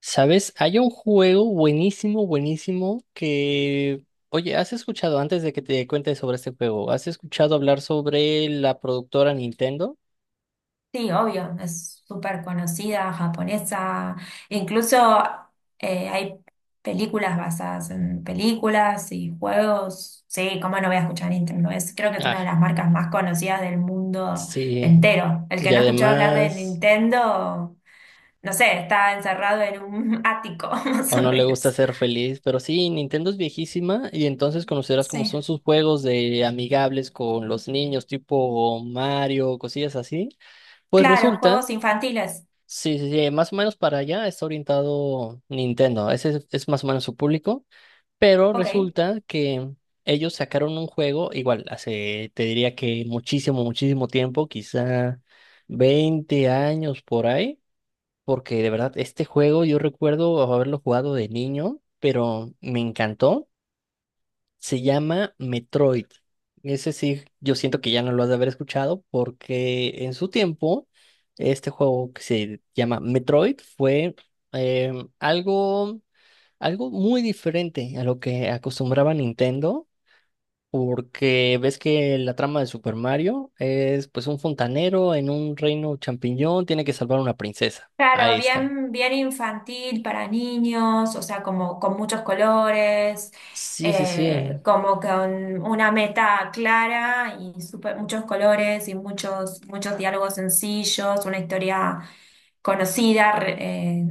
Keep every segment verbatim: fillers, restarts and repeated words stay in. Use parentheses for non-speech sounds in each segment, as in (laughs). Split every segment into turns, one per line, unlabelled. ¿Sabes? Hay un juego buenísimo, buenísimo que... Oye, ¿has escuchado antes de que te cuente sobre este juego? ¿Has escuchado hablar sobre la productora Nintendo?
Sí, obvio, es súper conocida, japonesa, incluso eh, hay películas basadas en películas y juegos. Sí, ¿cómo no voy a escuchar a Nintendo? Es, creo que es una de
Ah,
las marcas más conocidas del mundo
sí.
entero. El que
Y
no escuchó hablar de
además,
Nintendo, no sé, está encerrado en un (laughs) ático, (laughs) más
o
o
no le gusta
menos.
ser feliz, pero sí, Nintendo es viejísima y entonces conocerás cómo
Sí,
son sus juegos de amigables con los niños, tipo Mario, cosillas así. Pues
claro,
resulta,
juegos infantiles.
sí, sí, sí, más o menos para allá está orientado Nintendo. Ese es es más o menos su público. Pero
Ok.
resulta que ellos sacaron un juego, igual, hace, te diría que muchísimo, muchísimo tiempo, quizá veinte años por ahí, porque de verdad este juego yo recuerdo haberlo jugado de niño, pero me encantó. Se llama Metroid. Ese sí, yo siento que ya no lo has de haber escuchado porque en su tiempo este juego que se llama Metroid fue em, algo algo muy diferente a lo que acostumbraba Nintendo, porque ves que la trama de Super Mario es pues un fontanero en un reino champiñón, tiene que salvar a una princesa.
Claro,
Ahí está.
bien, bien infantil para niños, o sea, como con muchos colores,
Sí, sí, sí.
eh, como con una meta clara y súper- muchos colores y muchos, muchos diálogos sencillos, una historia conocida, re- eh,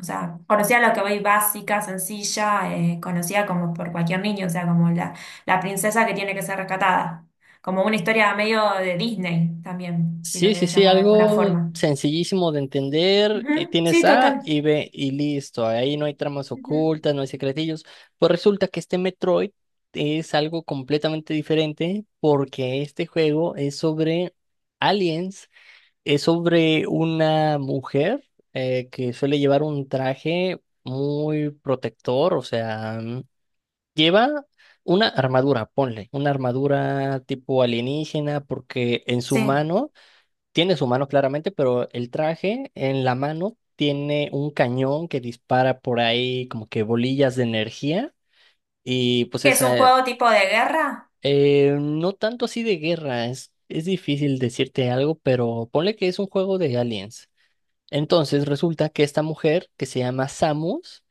o sea, conocida a lo que voy, básica, sencilla, eh, conocida como por cualquier niño, o sea, como la, la princesa que tiene que ser rescatada, como una historia medio de Disney también, si lo
Sí, sí,
querés
sí,
llamar de alguna
algo
forma.
sencillísimo de entender. eh,
Ujú,
Tienes
sí,
A
total.
y B y listo. Ahí no hay tramas
Ujú,
ocultas, no hay secretillos. Pues resulta que este Metroid es algo completamente diferente porque este juego es sobre aliens. Es sobre una mujer eh, que suele llevar un traje muy protector, o sea, mm, lleva una armadura, ponle, una armadura tipo alienígena, porque en su
sí.
mano, tiene su mano claramente, pero el traje en la mano tiene un cañón que dispara por ahí como que bolillas de energía y pues
¿Que es un
esa,
juego tipo de guerra?
eh, no tanto así de guerra, es, es difícil decirte algo, pero ponle que es un juego de aliens. Entonces resulta que esta mujer, que se llama Samus,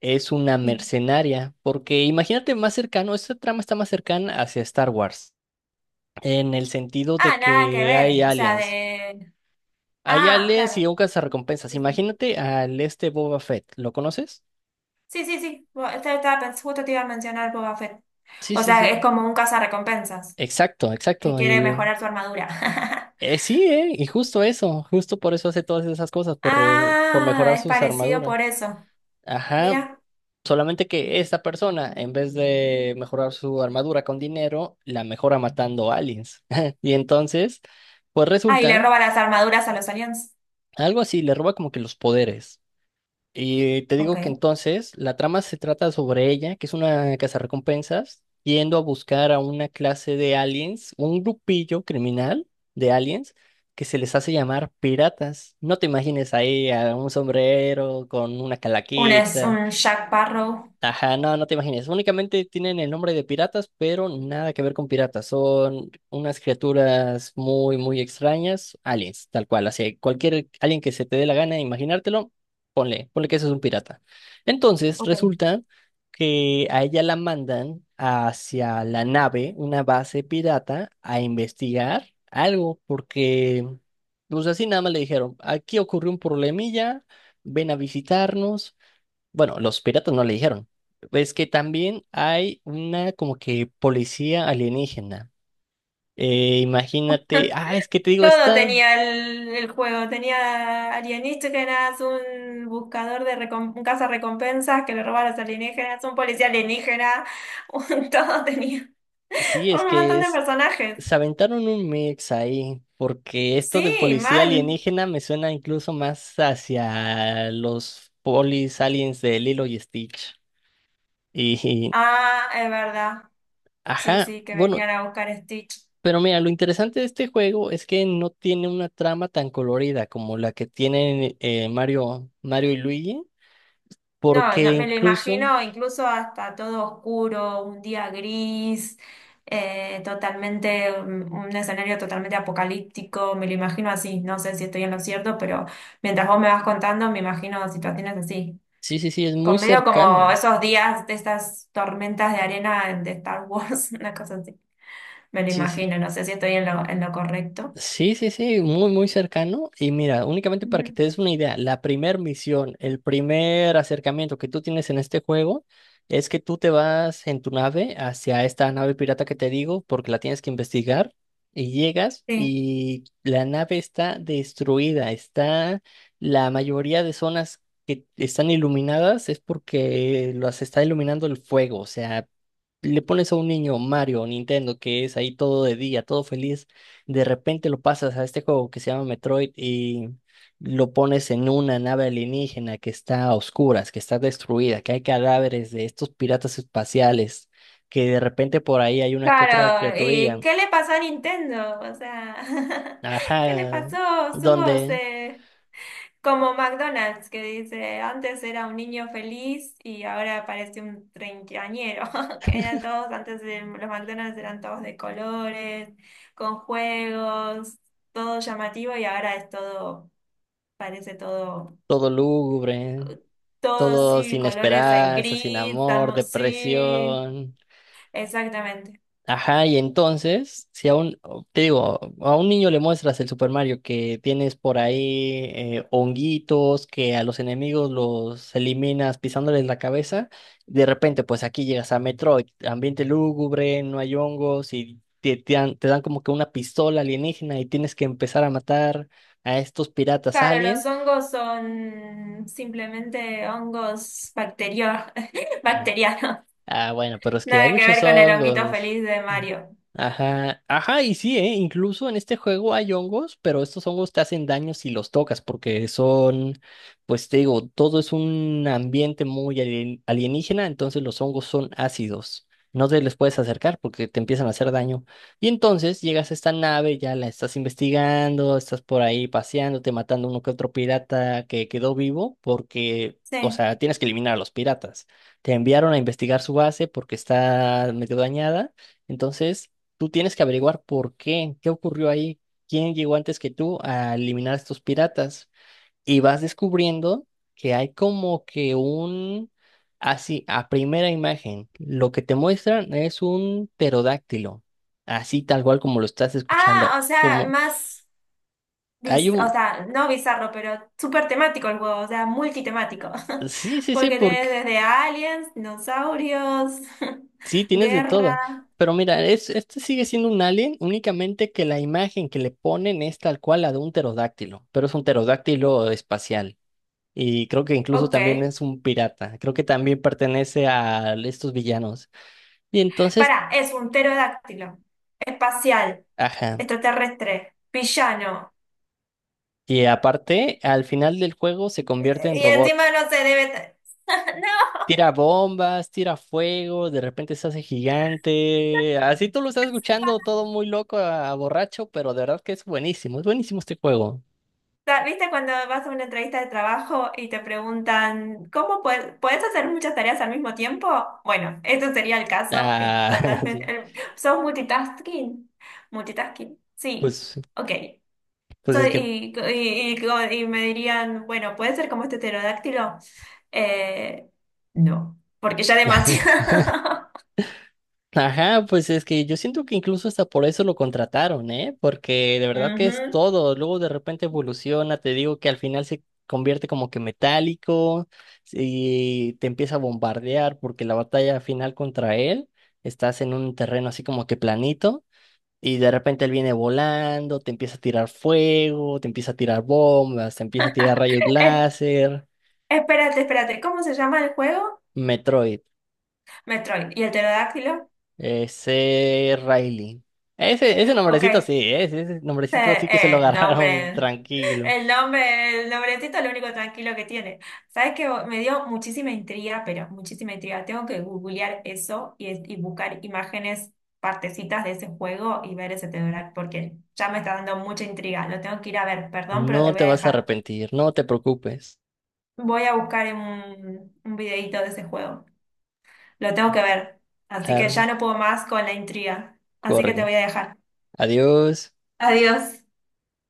es una
Sí.
mercenaria, porque imagínate más cercano, esta trama está más cercana hacia Star Wars, en el sentido
Ah,
de
nada que
que
ver.
hay
O sea,
aliens.
de.
Hay
Ah,
aliens y
claro.
un recompensas.
Sí, sí.
Imagínate al este Boba Fett, ¿lo conoces?
Sí, sí, sí. Bueno, este estaba pens- justo te iba a mencionar Boba Fett.
Sí,
O
sí,
sea,
sí.
es como un cazarrecompensas
Exacto, exacto.
que quiere
Y
mejorar su armadura. (laughs)
eh, sí, eh, y justo eso, justo por eso hace todas esas cosas, por, re- por
Ah,
mejorar
es
sus
parecido
armaduras.
por eso.
Ajá,
Mira.
solamente que esta persona, en vez de mejorar su armadura con dinero, la mejora matando aliens. (laughs) Y entonces, pues
Ah, y le
resulta,
roba las armaduras a los aliens.
algo así, le roba como que los poderes. Y te digo que
Ok.
entonces la trama se trata sobre ella, que es una cazarrecompensas, yendo a buscar a una clase de aliens, un grupillo criminal de aliens, que se les hace llamar piratas. No te imagines ahí a un sombrero con una
Un es
calaquita.
un Jack Barrow.
Ajá, no, no te imagines. Únicamente tienen el nombre de piratas, pero nada que ver con piratas. Son unas criaturas muy, muy extrañas, aliens, tal cual. Así, cualquier alien que se te dé la gana de imaginártelo, ponle, ponle que eso es un pirata. Entonces, resulta que a ella la mandan hacia la nave, una base pirata, a investigar algo, porque, pues así nada más le dijeron, aquí ocurrió un problemilla, ven a visitarnos. Bueno, los piratas no le dijeron. Es que también hay una como que policía alienígena. Eh, imagínate, ah, es que te digo,
Todo
esta,
tenía el, el juego. Tenía alienígenas, un buscador de recom- un recompensas que le robaba a los alienígenas, un policía alienígena, un- (laughs) todo tenía.
sí, es
Un
que
montón de
es,
personajes.
se aventaron un mix ahí, porque esto de
Sí,
policía
mal.
alienígena me suena incluso más hacia los polis aliens de Lilo y Stitch. Y,
Ah, es verdad. Sí,
ajá,
sí, que
bueno,
venían a buscar a Stitch.
pero mira, lo interesante de este juego es que no tiene una trama tan colorida como la que tienen eh, Mario, Mario y Luigi.
No,
Porque
no, me lo
incluso,
imagino incluso hasta todo oscuro, un día gris, eh, totalmente, un, un escenario totalmente apocalíptico, me lo imagino así, no sé si estoy en lo cierto, pero mientras vos me vas contando, me imagino situaciones así.
sí, sí, sí, es muy
Con medio como
cercano.
esos días de estas tormentas de arena de Star Wars, (laughs) una cosa así. Me lo
Sí, sí.
imagino, no sé si estoy en lo, en lo, correcto.
Sí, sí, sí, muy, muy cercano. Y mira, únicamente para que
Ujú.
te des una idea, la primer misión, el primer acercamiento que tú tienes en este juego es que tú te vas en tu nave hacia esta nave pirata que te digo, porque la tienes que investigar y llegas y la nave está destruida, está la mayoría de zonas que están iluminadas es porque las está iluminando el fuego, o sea, le pones a un niño Mario, Nintendo, que es ahí todo de día, todo feliz, de repente lo pasas a este juego que se llama Metroid y lo pones en una nave alienígena que está a oscuras, que está destruida, que hay cadáveres de estos piratas espaciales, que de repente por ahí hay una que otra
Claro, ¿y
criaturilla,
qué le pasó a Nintendo? O sea, (laughs) ¿qué le
ajá,
pasó? Somos
donde
eh, como McDonald's, que dice, antes era un niño feliz y ahora parece un treintañero, (laughs) que eran todos, antes de- los McDonald's eran todos de colores, con juegos, todo llamativo, y ahora es todo, parece todo,
todo lúgubre,
todo,
todo
sí,
sin
colores en
esperanza, sin
gris,
amor,
estamos, sí,
depresión.
exactamente.
Ajá, y entonces, si a un, o- te digo, a un niño le muestras el Super Mario que tienes por ahí eh, honguitos, que a los enemigos los eliminas pisándoles la cabeza, de repente pues aquí llegas a Metroid, ambiente lúgubre, no hay hongos y te, te dan, te dan como que una pistola alienígena y tienes que empezar a matar a estos piratas
Claro, los
aliens.
hongos son simplemente hongos bacterio- (laughs)
Ah,
bacterianos.
ah, bueno, pero es que hay
Nada que ver
muchos
con el honguito
hongos.
feliz de
Mm.
Mario.
Ajá, ajá, y sí, ¿eh? Incluso en este juego hay hongos, pero estos hongos te hacen daño si los tocas, porque son, pues te digo, todo es un ambiente muy alien- alienígena, entonces los hongos son ácidos. No te les puedes acercar porque te empiezan a hacer daño. Y entonces llegas a esta nave, ya la estás investigando, estás por ahí paseándote, matando uno que otro pirata que quedó vivo, porque, o
Sí.
sea, tienes que eliminar a los piratas, te enviaron a investigar su base porque está medio dañada. Entonces, tú tienes que averiguar por qué, qué ocurrió ahí, quién llegó antes que tú a eliminar a estos piratas. Y vas descubriendo que hay como que un, así, a primera imagen, lo que te muestran es un pterodáctilo, así tal cual como lo estás
Ah,
escuchando,
o sea,
como
más,
hay
bis- o
un...
sea, no bizarro, pero súper temático el juego, o sea, multitemático. (laughs)
Sí, sí, sí,
Porque tenés desde aliens, dinosaurios,
sí,
(laughs)
tienes de
guerra.
todo. Pero mira, es, este sigue siendo un alien, únicamente que la imagen que le ponen es tal cual la de un pterodáctilo, pero es un pterodáctilo espacial. Y creo que incluso
Ok.
también es un pirata. Creo que también pertenece a estos villanos. Y entonces,
Pará, es un pterodáctilo, espacial,
ajá.
extraterrestre, villano.
Y aparte, al final del juego se convierte en
Y
robot.
encima no se debe. ta- (laughs) No,
Tira bombas, tira fuego, de repente se hace gigante. Así tú lo estás escuchando todo muy loco a, a borracho, pero de verdad que es buenísimo. Es buenísimo este juego.
ta- ¿viste cuando vas a una entrevista de trabajo y te preguntan ¿cómo puedes, puedes hacer muchas tareas al mismo tiempo? Bueno, esto sería el caso, es
Ah, (laughs)
totalmente.
sí.
el- ¿Sos multitasking? Multitasking, sí,
Pues,
ok.
pues es
Soy,
que,
y, y- y- y me dirían, bueno, ¿puede ser como este pterodáctilo? Eh, no, porque ya
(laughs)
demasiado. (laughs)
ajá, pues es que yo siento que incluso hasta por eso lo contrataron, ¿eh? Porque de verdad que es
Ujú.
todo. Luego de repente evoluciona, te digo que al final se convierte como que metálico y te empieza a bombardear porque la batalla final contra él, estás en un terreno así como que planito y de repente él viene volando, te empieza a tirar fuego, te empieza a tirar bombas, te empieza a tirar rayos
Eh,
láser.
espérate, espérate, ¿cómo se llama el juego?
Metroid.
Metroid. ¿Y el pterodáctilo?
Ese Riley. Ese, ese
Ok.
nombrecito
Eh,
sí, ¿eh? ese, ese nombrecito sí que se lo
eh,
agarraron (laughs)
nombre,
tranquilo.
el nombre, el nombrecito es lo único tranquilo que tiene. Sabes que me dio muchísima intriga, pero muchísima intriga. Tengo que googlear eso y, es- y buscar imágenes, partecitas de ese juego y ver ese titular, porque ya me está dando mucha intriga. Lo tengo que ir a ver, perdón,
No
pero te voy
te
a
vas a
dejar.
arrepentir, no te preocupes.
Voy a buscar un, un videíto de ese juego. Lo tengo que ver. Así que ya
Claro,
no puedo más con la intriga. Así que te
corren.
voy a dejar.
Adiós.
Adiós.